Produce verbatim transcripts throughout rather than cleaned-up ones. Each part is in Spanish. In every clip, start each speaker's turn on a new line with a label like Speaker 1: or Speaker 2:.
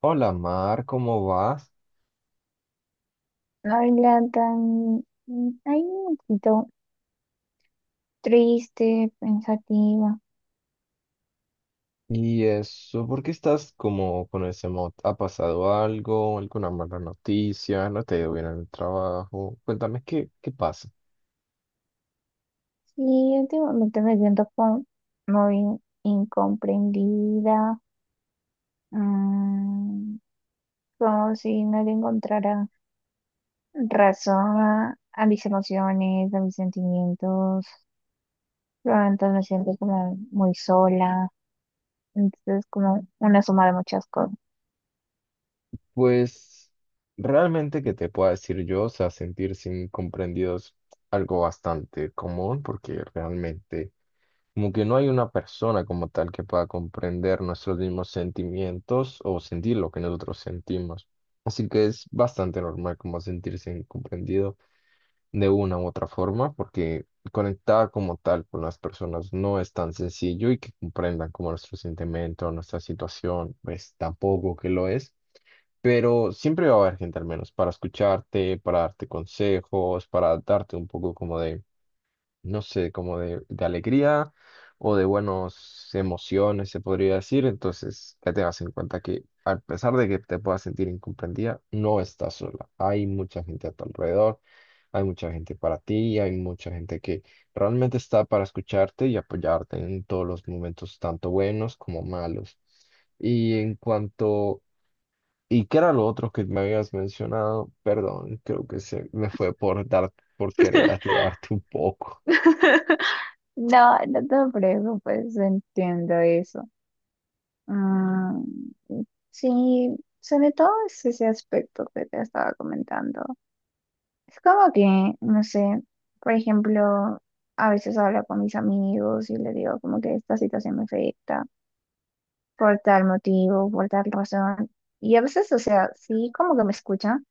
Speaker 1: Hola Mar, ¿cómo vas?
Speaker 2: Habla tan, ay, un poquito triste, pensativa.
Speaker 1: ¿Y eso? ¿Por qué estás como con ese mod? ¿Ha pasado algo? ¿Alguna mala noticia? ¿No te ha ido bien en el trabajo? Cuéntame, ¿qué, qué pasa?
Speaker 2: Sí, últimamente me siento como muy incomprendida, mm, como si no le encontrara razón a, a mis emociones, a mis sentimientos. Entonces me siento como muy sola. Entonces, como una suma de muchas cosas.
Speaker 1: Pues realmente que te pueda decir yo, o sea, sentirse incomprendido es algo bastante común porque realmente como que no hay una persona como tal que pueda comprender nuestros mismos sentimientos o sentir lo que nosotros sentimos. Así que es bastante normal como sentirse incomprendido, de una u otra forma, porque conectar como tal con las personas no es tan sencillo y que comprendan como nuestro sentimiento, nuestra situación, pues tampoco que lo es. Pero siempre va a haber gente al menos para escucharte, para darte consejos, para darte un poco como de no sé, como de, de alegría o de buenas emociones, se podría decir. Entonces, ya tengas en cuenta que a pesar de que te puedas sentir incomprendida, no estás sola. Hay mucha gente a tu alrededor, hay mucha gente para ti, hay mucha gente que realmente está para escucharte y apoyarte en todos los momentos, tanto buenos como malos. Y en cuanto. ¿Y qué era lo otro que me habías mencionado? Perdón, creo que se me fue por dar, por querer ayudarte un poco.
Speaker 2: No, no te preocupes, entiendo eso. Ah, sí, sobre todo es ese aspecto que te estaba comentando. Es como que, no sé, por ejemplo, a veces hablo con mis amigos y les digo como que esta situación me afecta por tal motivo, por tal razón. Y a veces, o sea, sí, como que me escuchan,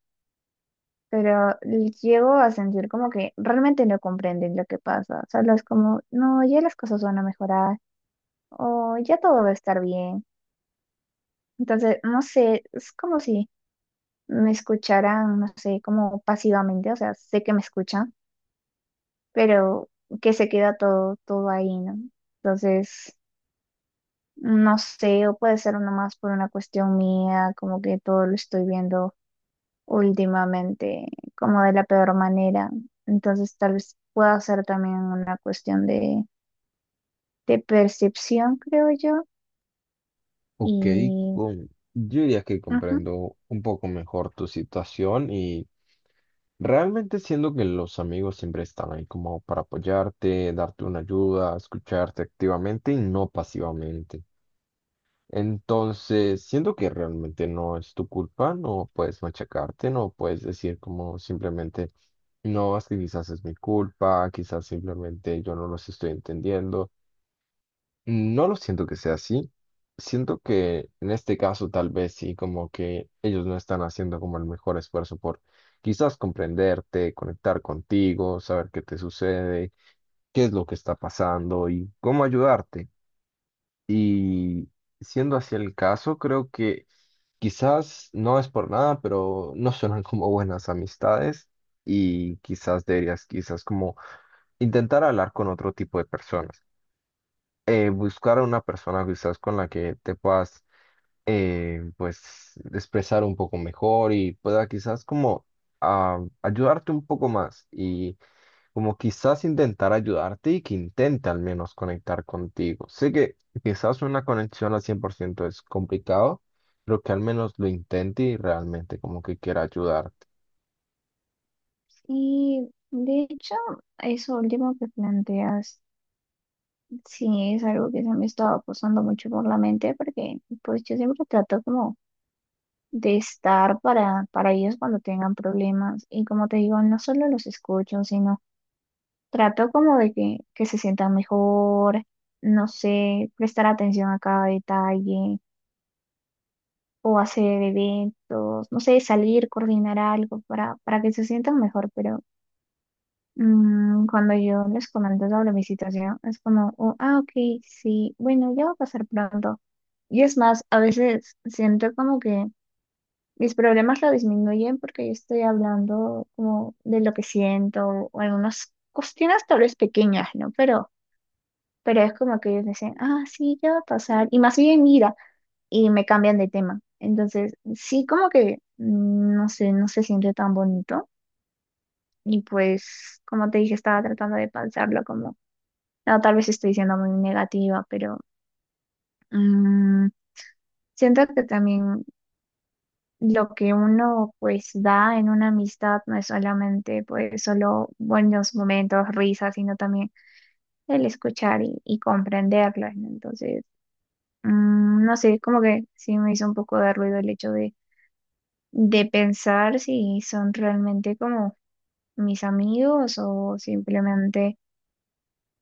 Speaker 2: pero llego a sentir como que realmente no comprenden lo que pasa. Solo es como, no, ya las cosas van a mejorar o ya todo va a estar bien. Entonces, no sé, es como si me escucharan, no sé, como pasivamente, o sea, sé que me escuchan, pero que se queda todo, todo ahí, ¿no? Entonces, no sé, o puede ser nomás por una cuestión mía, como que todo lo estoy viendo últimamente, como de la peor manera. Entonces, tal vez pueda ser también una cuestión de, de percepción, creo yo.
Speaker 1: Ok,
Speaker 2: Y,
Speaker 1: con- yo diría que
Speaker 2: ujú.
Speaker 1: comprendo un poco mejor tu situación y realmente siendo que los amigos siempre están ahí como para apoyarte, darte una ayuda, escucharte activamente y no pasivamente. Entonces, siento que realmente no es tu culpa, no puedes machacarte, no puedes decir como simplemente, no, es que quizás es mi culpa, quizás simplemente yo no los estoy entendiendo. No lo siento que sea así. Siento que en este caso tal vez sí, como que ellos no están haciendo como el mejor esfuerzo por quizás comprenderte, conectar contigo, saber qué te sucede, qué es lo que está pasando y cómo ayudarte. Y siendo así el caso, creo que quizás no es por nada, pero no suenan como buenas amistades y quizás deberías quizás como intentar hablar con otro tipo de personas, eh, buscar a una persona quizás con la que te puedas, eh, pues expresar un poco mejor y pueda quizás como, ah, ayudarte un poco más y como quizás intentar ayudarte y que intente al menos conectar contigo. Sé que quizás una conexión al cien por ciento es complicado, pero que al menos lo intente y realmente como que quiera ayudar.
Speaker 2: Y de hecho, eso último que planteas. Sí, es algo que se me estaba pasando mucho por la mente porque pues yo siempre trato como de estar para, para ellos cuando tengan problemas y como te digo, no solo los escucho, sino trato como de que, que se sientan mejor, no sé, prestar atención a cada detalle o hacer eventos, no sé, salir, coordinar algo para, para que se sientan mejor, pero mm, cuando yo les comento sobre mi situación, es como, "Oh, ah, ok, sí, bueno, ya va a pasar pronto." Y es más, a veces siento como que mis problemas lo disminuyen porque yo estoy hablando como de lo que siento o algunas cuestiones tal vez pequeñas, ¿no? Pero, pero es como que ellos dicen, ah, sí, ya va a pasar. Y más bien, mira, y me cambian de tema. Entonces, sí, como que, mm, no sé, no se siente tan bonito. Y pues, como te dije, estaba tratando de pensarlo. No, tal vez estoy siendo muy negativa, pero mm, siento que también lo que uno pues da en una amistad no es solamente pues solo buenos momentos, risas, sino también el escuchar y, y comprenderlas, ¿no? Entonces, mm, no sé, como que sí me hizo un poco de ruido el hecho de, de pensar si son realmente como mis amigos o simplemente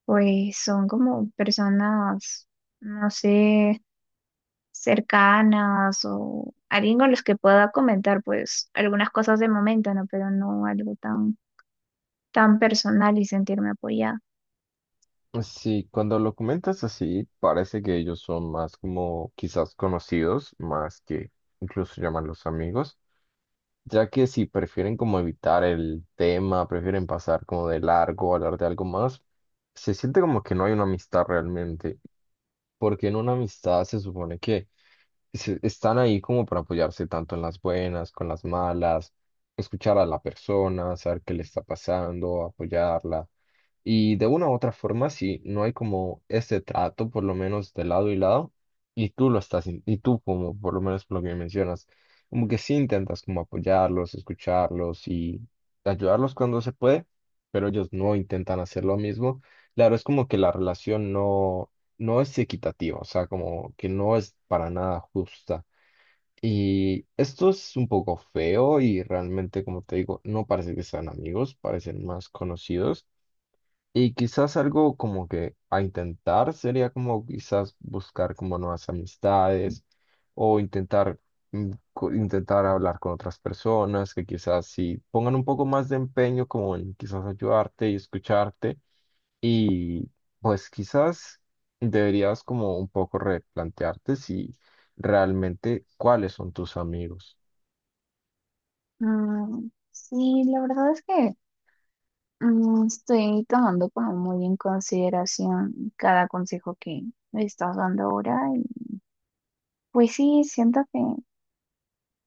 Speaker 2: pues son como personas, no sé, cercanas o alguien con los que pueda comentar pues algunas cosas de momento, ¿no? Pero no algo tan, tan personal y sentirme apoyada.
Speaker 1: Sí, cuando lo comentas así, parece que ellos son más como quizás conocidos, más que incluso llaman los amigos, ya que si prefieren como evitar el tema, prefieren pasar como de largo, hablar de algo más, se siente como que no hay una amistad realmente, porque en una amistad se supone que se- están ahí como para apoyarse tanto en las buenas, con las malas, escuchar a la persona, saber qué le está pasando, apoyarla. Y de una u otra forma, si no hay como ese trato, por lo menos de lado y lado, y tú lo estás, in- y tú como, por lo menos por lo que mencionas, como que sí intentas como apoyarlos, escucharlos y ayudarlos cuando se puede, pero ellos no intentan hacer lo mismo. Claro, es como que la relación no, no es equitativa, o sea, como que no es para nada justa. Y esto es un poco feo y realmente, como te digo, no parece que sean amigos, parecen más conocidos. Y quizás algo como que a intentar sería como quizás buscar como nuevas amistades o intentar, mm, co- intentar hablar con otras personas que quizás sí pongan un poco más de empeño como en quizás ayudarte y escucharte. Y pues quizás deberías como un poco replantearte si realmente cuáles son tus amigos.
Speaker 2: Mm, sí, la verdad es que mm, estoy tomando como muy en consideración cada consejo que me estás dando ahora y pues sí, siento que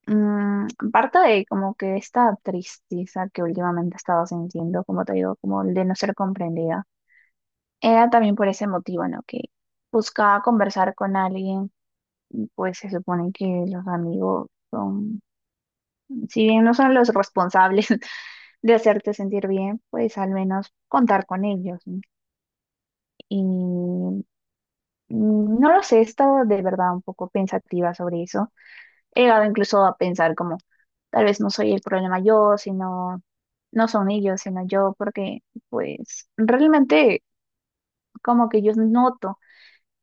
Speaker 2: mm, parte de como que esta tristeza que últimamente he estado sintiendo, como te digo, como el de no ser comprendida. Era también por ese motivo, ¿no? Que buscaba conversar con alguien y pues se supone que los amigos son, si bien no son los responsables de hacerte sentir bien, pues al menos contar con ellos, ¿no? Y mm, no lo sé, he estado de verdad un poco pensativa sobre eso. He llegado incluso a pensar como, tal vez no soy el problema yo, sino, no son ellos, sino yo, porque pues realmente como que yo noto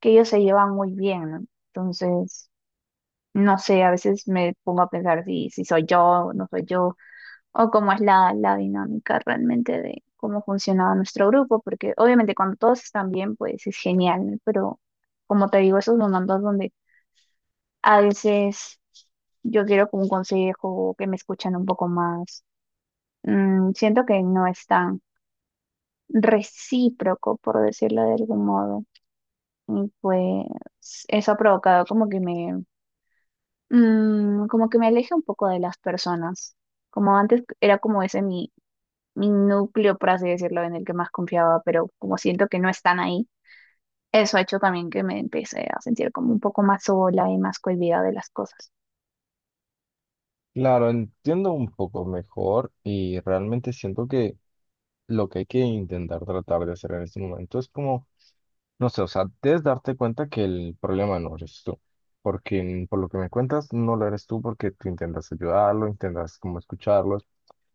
Speaker 2: que ellos se llevan muy bien, ¿no? Entonces, no sé, a veces me pongo a pensar si, si soy yo o no soy yo, o cómo es la, la dinámica realmente de cómo funciona nuestro grupo, porque obviamente cuando todos están bien, pues es genial, ¿no? Pero como te digo, esos momentos donde a veces yo quiero como un consejo, que me escuchan un poco más, mm, siento que no es tan recíproco, por decirlo de algún modo. Y pues eso ha provocado como que me, mm, como que me aleja un poco de las personas. Como antes era como ese mi, mi núcleo, por así decirlo, en el que más confiaba, pero como siento que no están ahí, eso ha hecho también que me empecé a sentir como un poco más sola y más cohibida de las cosas.
Speaker 1: Claro, entiendo un poco mejor y realmente siento que lo que hay que intentar tratar de hacer en este momento es como, no sé, o sea, debes darte cuenta que el problema no eres tú, porque mm, por lo que me cuentas no lo eres tú porque tú intentas ayudarlo, intentas como escucharlos.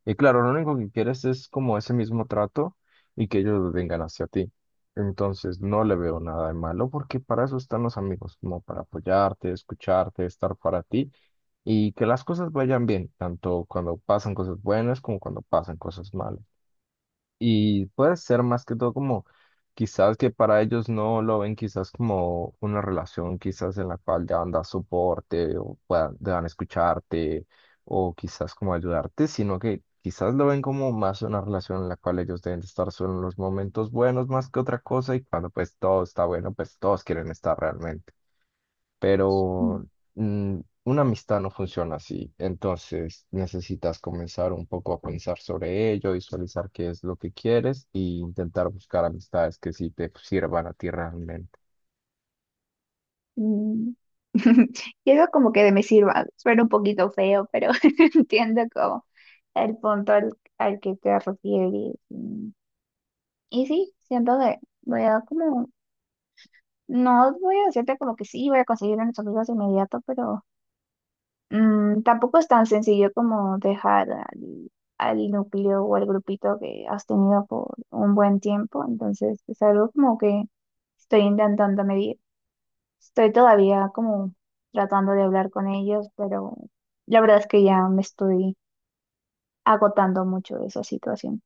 Speaker 1: Y claro, lo único que quieres es como ese mismo trato y que ellos vengan hacia ti. Entonces no le veo nada de malo porque para eso están los amigos, como para apoyarte, escucharte, estar para ti y que las cosas vayan bien, tanto cuando pasan cosas buenas como cuando pasan cosas malas. Y puede ser más que todo como quizás que para ellos no lo ven quizás como una relación quizás en la cual deban dar soporte o puedan, deban escucharte o quizás como ayudarte, sino que quizás lo ven como más una relación en la cual ellos deben de estar solo en los momentos buenos más que otra cosa y cuando pues todo está bueno, pues todos quieren estar realmente. Pero
Speaker 2: Mm.
Speaker 1: mm, una amistad no funciona así, entonces necesitas comenzar un poco a pensar sobre ello, visualizar qué es lo que quieres e intentar buscar amistades que sí te sirvan a ti realmente.
Speaker 2: Mm. Quiero como que de me sirva, suena un poquito feo, pero entiendo como el punto al, al que te refieres. Y, y sí, siento que voy a como, no voy a decirte como que sí, voy a conseguir a nuestros amigos de inmediato, pero mm, tampoco es tan sencillo como dejar al, al núcleo o al grupito que has tenido por un buen tiempo. Entonces, es algo como que estoy intentando medir. Estoy todavía como tratando de hablar con ellos, pero la verdad es que ya me estoy agotando mucho de esa situación.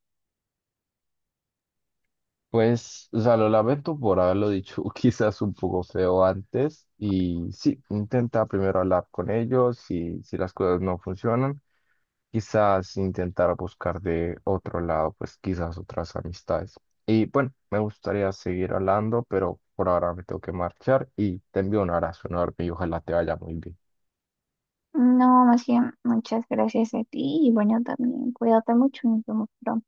Speaker 1: Pues, o sea, lo lamento por haberlo dicho quizás un poco feo antes y sí, intenta primero hablar con ellos y si las cosas no funcionan, quizás intentar buscar de otro lado, pues quizás otras amistades. Y bueno, me gustaría seguir hablando, pero por ahora me tengo que marchar y te envío un abrazo enorme y ojalá te vaya muy bien.
Speaker 2: No, más bien, muchas gracias a ti y bueno, también cuídate mucho, nos vemos pronto.